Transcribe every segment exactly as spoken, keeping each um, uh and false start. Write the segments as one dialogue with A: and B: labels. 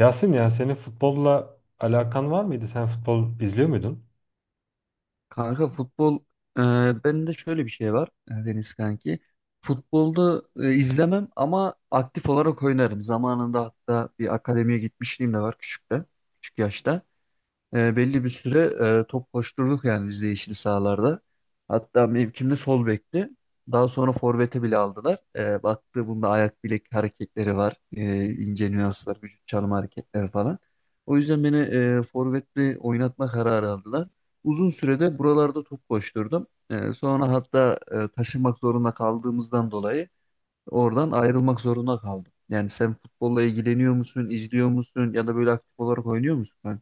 A: Yasin, ya senin futbolla alakan var mıydı? Sen futbol izliyor muydun?
B: Kanka futbol e, benim de şöyle bir şey var e, Deniz kanki. Futbolda e, izlemem ama aktif olarak oynarım. Zamanında hatta bir akademiye gitmişliğim de var küçükte, küçük yaşta. E, belli bir süre e, top koşturduk yani biz de yeşil sahalarda. Hatta mevkimde sol bekti. Daha sonra forvete bile aldılar. E, baktı bunda ayak bilek hareketleri var. E, ince nüanslar, vücut çalım hareketleri falan. O yüzden beni e, forvetle oynatma kararı aldılar. Uzun sürede buralarda top koşturdum. E, sonra hatta e, taşınmak zorunda kaldığımızdan dolayı oradan ayrılmak zorunda kaldım. Yani sen futbolla ilgileniyor musun, izliyor musun ya da böyle aktif olarak oynuyor musun, kanka?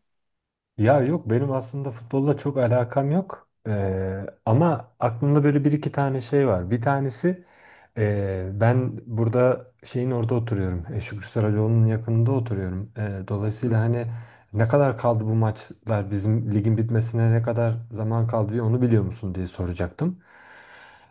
A: Ya yok, benim aslında futbolla çok alakam yok. Ee, ama aklımda böyle bir iki tane şey var. Bir tanesi ee, ben burada şeyin orada oturuyorum. E, Şükrü Saracoğlu'nun yakınında oturuyorum. Ee, dolayısıyla hani ne kadar kaldı bu maçlar, bizim ligin bitmesine ne kadar zaman kaldı diye onu biliyor musun diye soracaktım.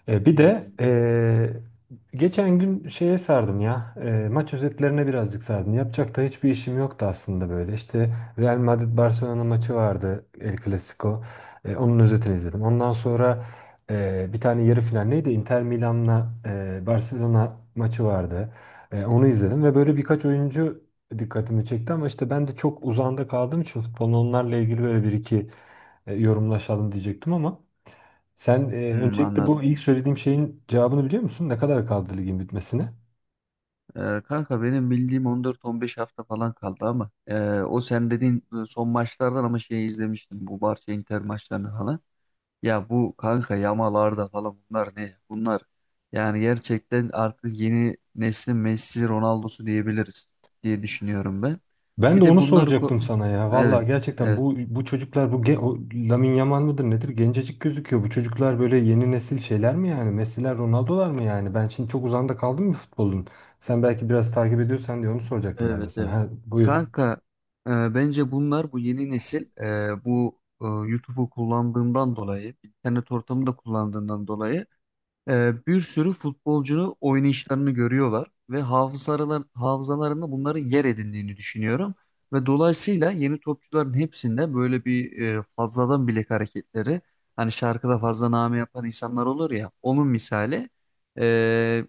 A: E, bir de
B: Hmm.
A: e, geçen gün şeye sardım ya. E, maç özetlerine birazcık sardım. Yapacak da hiçbir işim yoktu aslında böyle. İşte Real Madrid Barcelona maçı vardı, El Clasico. E, onun özetini izledim. Ondan sonra e, bir tane yarı final neydi? Inter Milan'la e, Barcelona maçı vardı. E, onu izledim ve böyle birkaç oyuncu dikkatimi çekti ama işte ben de çok uzağında kaldığım için futbolun onlarla ilgili böyle bir iki e, yorumlaşalım diyecektim ama sen e,
B: Hmm,
A: öncelikle
B: anladım.
A: bu ilk söylediğim şeyin cevabını biliyor musun? Ne kadar kaldı ligin bitmesine?
B: Ee, kanka benim bildiğim on dört on beş hafta falan kaldı ama ee, o sen dediğin e, son maçlardan ama şeyi izlemiştim, bu Barça Inter maçlarını falan. Ya bu kanka Yamalarda falan bunlar ne? Bunlar yani gerçekten artık yeni neslin Messi Ronaldo'su diyebiliriz diye düşünüyorum ben.
A: Ben
B: Bir
A: de
B: de
A: onu
B: bunları
A: soracaktım
B: ko-
A: sana ya.
B: Evet,
A: Vallahi gerçekten
B: evet.
A: bu bu çocuklar, bu ge- o, Lamine Yamal mıdır nedir? Gencecik gözüküyor. Bu çocuklar böyle yeni nesil şeyler mi yani? Messi'ler, Ronaldo'lar mı yani? Ben şimdi çok uzanda kaldım mı futbolun? Sen belki biraz takip ediyorsan diye onu soracaktım ben de
B: Evet,
A: sana.
B: evet.
A: Ha, buyur.
B: Kanka, e, bence bunlar bu yeni nesil e, bu e, YouTube'u kullandığından dolayı internet ortamını da kullandığından dolayı e, bir sürü futbolcunun oynayışlarını görüyorlar ve hafızalar, hafızalarında bunları yer edindiğini düşünüyorum. Ve dolayısıyla yeni topçuların hepsinde böyle bir e, fazladan bilek hareketleri, hani şarkıda fazla name yapan insanlar olur ya, onun misali e,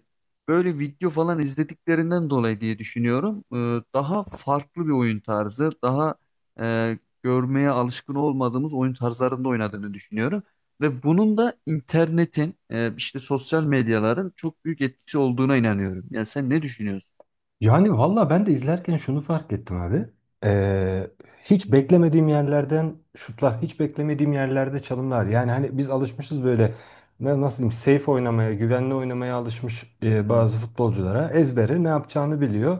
B: böyle video falan izlediklerinden dolayı diye düşünüyorum. E, daha farklı bir oyun tarzı, daha e, görmeye alışkın olmadığımız oyun tarzlarında oynadığını düşünüyorum. Ve bunun da internetin, e, işte sosyal medyaların çok büyük etkisi olduğuna inanıyorum. Yani sen ne düşünüyorsun?
A: Yani valla ben de izlerken şunu fark ettim abi. Ee, Hiç beklemediğim yerlerden şutlar, hiç beklemediğim yerlerde çalımlar. Yani hani biz alışmışız böyle ne- nasıl diyeyim, safe oynamaya, güvenli oynamaya alışmış e,
B: Hmm,
A: bazı futbolculara. Ezbere ne yapacağını biliyor.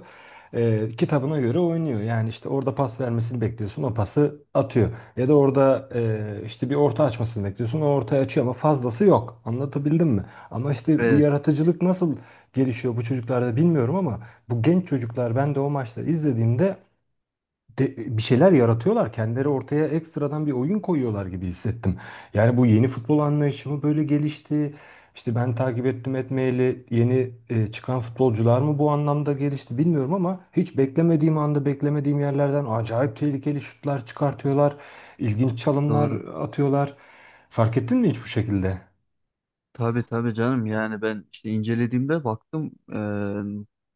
A: Ee, kitabına göre oynuyor. Yani işte orada pas vermesini bekliyorsun, o pası atıyor. Ya da orada e, işte bir orta açmasını bekliyorsun, o ortaya açıyor ama fazlası yok. Anlatabildim mi? Ama işte bu
B: evet,
A: yaratıcılık nasıl gelişiyor bu çocuklarda bilmiyorum ama bu genç çocuklar, ben de o maçları izlediğimde de- bir şeyler yaratıyorlar. Kendileri ortaya ekstradan bir oyun koyuyorlar gibi hissettim. Yani bu yeni futbol anlayışı mı böyle gelişti? İşte ben takip ettim etmeyeli yeni e, çıkan futbolcular mı bu anlamda gelişti bilmiyorum ama hiç beklemediğim anda beklemediğim yerlerden acayip tehlikeli şutlar çıkartıyorlar. İlginç çalımlar
B: doğru.
A: atıyorlar. Fark ettin mi hiç bu şekilde?
B: Tabii tabii canım. Yani ben işte incelediğimde baktım,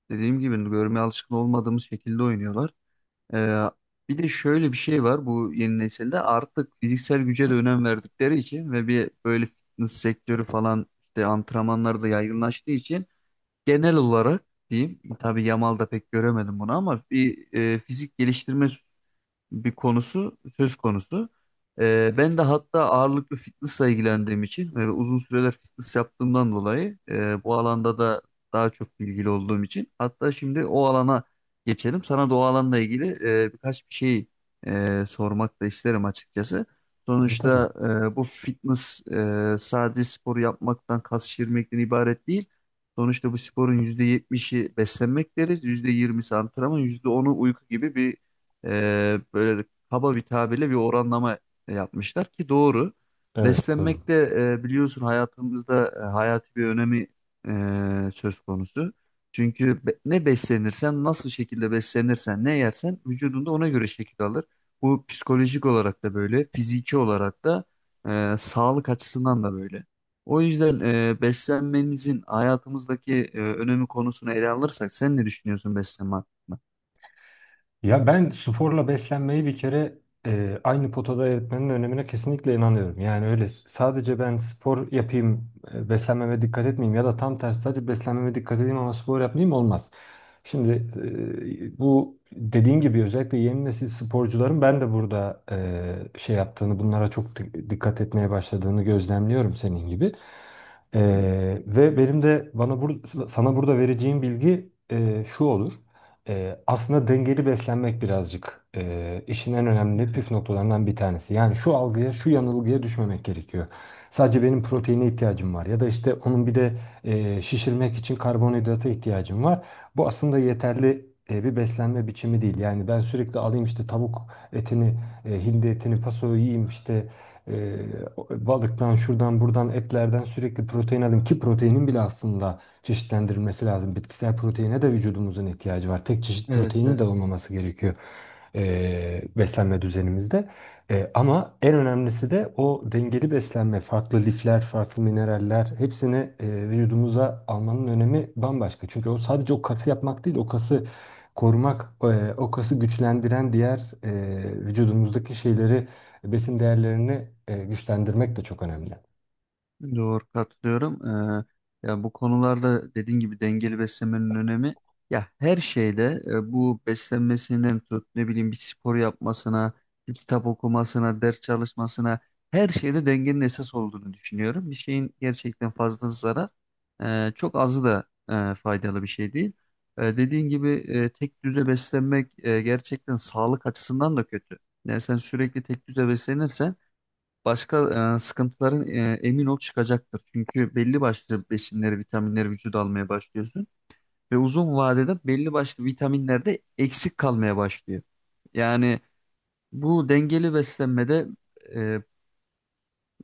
B: e, dediğim gibi görmeye alışkın olmadığımız şekilde oynuyorlar. E, Bir de şöyle bir şey var, bu yeni nesilde artık fiziksel güce de önem verdikleri için ve bir böyle fitness sektörü falan, işte antrenmanlar da yaygınlaştığı için genel olarak diyeyim. Tabii Yamal'da pek göremedim bunu, ama bir e, fizik geliştirme bir konusu söz konusu. Ee, ben de hatta ağırlıklı fitnessla ilgilendiğim için ve uzun süreler fitness yaptığımdan dolayı e, bu alanda da daha çok bilgili olduğum için hatta şimdi o alana geçelim. Sana da o alanla ilgili e, birkaç bir şey e, sormak da isterim açıkçası.
A: Tabii, tabii.
B: Sonuçta e, bu fitness e, sadece spor yapmaktan, kas şişirmekten ibaret değil. Sonuçta bu sporun yüzde yetmişi beslenmek deriz, yüzde yirmisi antrenman, yüzde onu uyku gibi bir e, böyle kaba bir tabirle bir oranlama e, yapmışlar ki doğru.
A: Evet, doğru.
B: Beslenmekte, e, biliyorsun, hayatımızda e, hayati bir önemi e, söz konusu. Çünkü be- ne beslenirsen, nasıl şekilde beslenirsen, ne yersen vücudunda ona göre şekil alır. Bu psikolojik olarak da böyle, fiziki olarak da e, sağlık açısından da böyle. O yüzden e, beslenmemizin hayatımızdaki e, önemi konusunu ele alırsak sen ne düşünüyorsun beslenme hakkında?
A: Ya ben sporla beslenmeyi bir kere e, aynı potada eritmenin önemine kesinlikle inanıyorum. Yani öyle s- sadece ben spor yapayım, e, beslenmeme dikkat etmeyeyim ya da tam tersi sadece beslenmeme dikkat edeyim ama spor yapmayayım olmaz. Şimdi e, bu dediğin gibi özellikle yeni nesil sporcuların ben de burada e, şey yaptığını, bunlara çok di- dikkat etmeye başladığını gözlemliyorum senin gibi. E, Ve benim de bana bur sana burada vereceğim bilgi e, şu olur. Ee, aslında dengeli beslenmek birazcık e, işin en önemli püf noktalarından bir tanesi. Yani şu algıya, şu yanılgıya düşmemek gerekiyor. Sadece benim proteine ihtiyacım var ya da işte onun bir de e, şişirmek için karbonhidrata ihtiyacım var. Bu aslında yeterli e, bir beslenme biçimi değil. Yani ben sürekli alayım işte tavuk etini, e, hindi etini, pasoyu yiyeyim işte e, balıktan, şuradan, buradan, etlerden sürekli protein alayım ki proteinin bile aslında çeşitlendirilmesi lazım. Bitkisel proteine de vücudumuzun ihtiyacı var. Tek çeşit
B: Evet,
A: proteinin
B: evet.
A: de olmaması gerekiyor e, beslenme düzenimizde. E, ama en önemlisi de o dengeli beslenme, farklı lifler, farklı mineraller, hepsini e, vücudumuza almanın önemi bambaşka. Çünkü o sadece o kası yapmak değil, o kası korumak, e, o kası güçlendiren diğer e, vücudumuzdaki şeyleri, besin değerlerini e, güçlendirmek de çok önemli.
B: Doğru, katılıyorum. Ee, ya bu konularda dediğin gibi dengeli beslenmenin önemi, ya her şeyde, e, bu beslenmesinden tut, ne bileyim, bir spor yapmasına, bir kitap okumasına, ders çalışmasına, her şeyde dengenin esas olduğunu düşünüyorum. Bir şeyin gerçekten fazlası zarar, e, çok azı da e, faydalı bir şey değil. E, dediğin gibi e, tek düze beslenmek e, gerçekten sağlık açısından da kötü. Yani sen sürekli tek düze beslenirsen başka e, sıkıntıların, e, emin ol, çıkacaktır. Çünkü belli başlı besinleri, vitaminleri vücuda almaya başlıyorsun ve uzun vadede belli başlı vitaminler de eksik kalmaya başlıyor. Yani bu dengeli beslenmede e,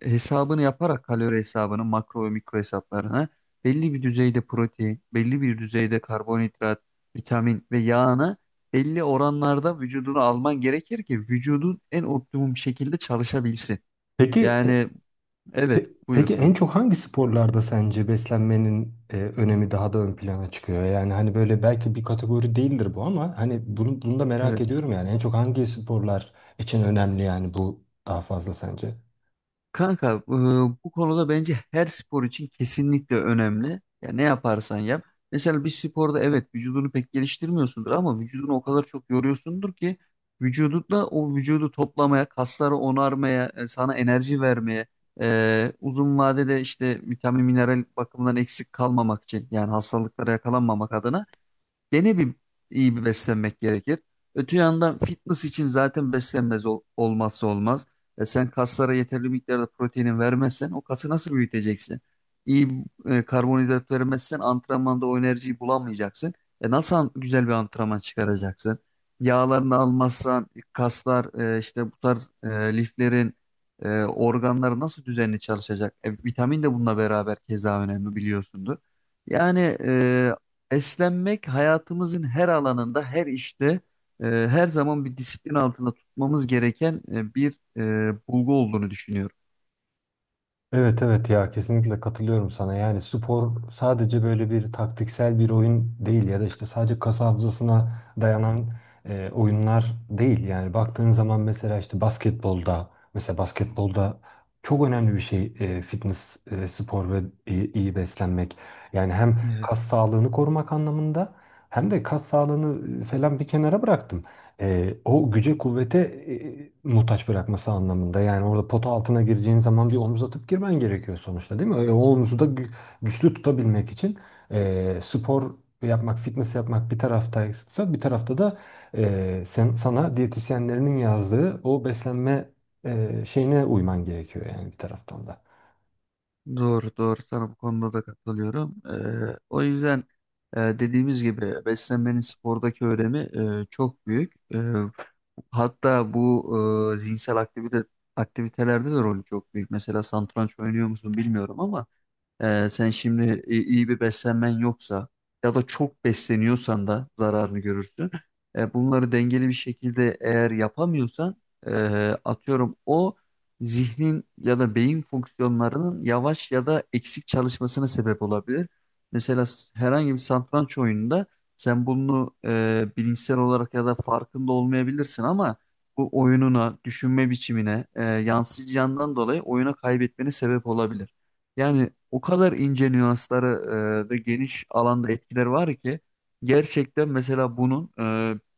B: hesabını yaparak, kalori hesabını, makro ve mikro hesaplarını, belli bir düzeyde protein, belli bir düzeyde karbonhidrat, vitamin ve yağını belli oranlarda vücuduna alman gerekir ki vücudun en optimum şekilde çalışabilsin.
A: Peki e,
B: Yani evet,
A: Pe-
B: buyur
A: Peki
B: kanka.
A: en çok hangi sporlarda sence beslenmenin e, önemi daha da ön plana çıkıyor? Yani hani böyle belki bir kategori değildir bu ama hani bunu, bunu da merak
B: Evet.
A: ediyorum, yani en çok hangi sporlar için önemli yani bu daha fazla sence?
B: Kanka, e, bu konuda bence her spor için kesinlikle önemli. Ya ne yaparsan yap. Mesela bir sporda evet vücudunu pek geliştirmiyorsundur, ama vücudunu o kadar çok yoruyorsundur ki vücudunla o vücudu toplamaya, kasları onarmaya, e, sana enerji vermeye, e, uzun vadede işte vitamin, mineral bakımından eksik kalmamak için, yani hastalıklara yakalanmamak adına gene bir iyi bir beslenmek gerekir. Öte yandan fitness için zaten beslenmez ol- olmazsa olmaz. E sen kaslara yeterli miktarda proteinin vermezsen o kası nasıl büyüteceksin? İyi e, karbonhidrat vermezsen antrenmanda o enerjiyi bulamayacaksın. E nasıl an- güzel bir antrenman çıkaracaksın? Yağlarını almazsan kaslar, e, işte bu tarz e, liflerin, e, organları nasıl düzenli çalışacak? E, vitamin de bununla beraber keza önemli biliyorsundur. Yani e, Esnenmek hayatımızın her alanında, her işte, e, her zaman bir disiplin altında tutmamız gereken e, bir e, bulgu olduğunu düşünüyorum.
A: Evet, evet, ya kesinlikle katılıyorum sana. Yani spor sadece böyle bir taktiksel bir oyun değil ya da işte sadece kas hafızasına dayanan e, oyunlar değil. Yani baktığın zaman mesela işte basketbolda, mesela basketbolda çok önemli bir şey e, fitness, e, spor ve iyi, iyi beslenmek. Yani hem
B: Evet,
A: kas sağlığını korumak anlamında hem de kas sağlığını e, falan bir kenara bıraktım, e, o güce kuvvete e, muhtaç bırakması anlamında. Yani orada pota altına gireceğin zaman bir omuz atıp girmen gerekiyor sonuçta, değil mi? E, o omuzu da gü- güçlü tutabilmek için e, spor yapmak, fitness yapmak bir taraftaysa, bir tarafta da e, sen, sana diyetisyenlerinin yazdığı o beslenme e, şeyine uyman gerekiyor yani bir taraftan da.
B: doğru doğru, sana bu konuda da katılıyorum. E, o yüzden e, dediğimiz gibi beslenmenin spordaki önemi e, çok büyük. E, hatta bu e, zihinsel aktivite aktivitelerde de rolü çok büyük. Mesela satranç oynuyor musun bilmiyorum ama Ee, sen şimdi i- iyi bir beslenmen yoksa ya da çok besleniyorsan da zararını görürsün. Ee, bunları dengeli bir şekilde eğer yapamıyorsan ee, atıyorum o zihnin ya da beyin fonksiyonlarının yavaş ya da eksik çalışmasına sebep olabilir. Mesela s- herhangi bir satranç oyununda sen bunu ee, bilinçsel olarak ya da farkında olmayabilirsin ama bu oyununa, düşünme biçimine ee, yansıyacağından dolayı oyuna kaybetmene sebep olabilir. Yani o kadar ince nüansları e, ve geniş alanda etkileri var ki gerçekten mesela bunun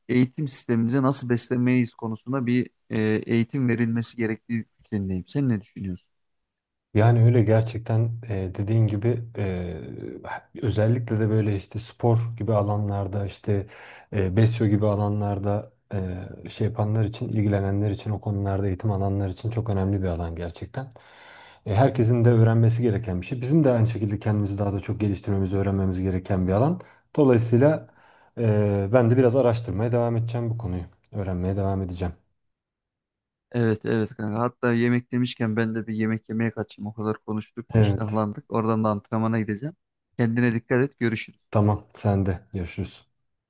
B: e, eğitim sistemimize nasıl beslemeyiz konusunda bir e, eğitim verilmesi gerektiği fikrindeyim. Sen ne düşünüyorsun?
A: Yani öyle gerçekten, e, dediğin gibi, e, özellikle de böyle işte spor gibi alanlarda, işte e, besyo gibi alanlarda e, şey yapanlar için, ilgilenenler için, o konularda eğitim alanlar için çok önemli bir alan gerçekten. E, herkesin de öğrenmesi gereken bir şey. Bizim de aynı şekilde kendimizi daha da çok geliştirmemizi öğrenmemiz gereken bir alan. Dolayısıyla e, ben de biraz araştırmaya devam edeceğim bu konuyu. Öğrenmeye devam edeceğim.
B: Evet evet kanka. Hatta yemek demişken ben de bir yemek yemeye kaçayım. O kadar konuştuk,
A: Evet.
B: iştahlandık. Oradan da antrenmana gideceğim. Kendine dikkat et. Görüşürüz.
A: Tamam, sen de. Görüşürüz.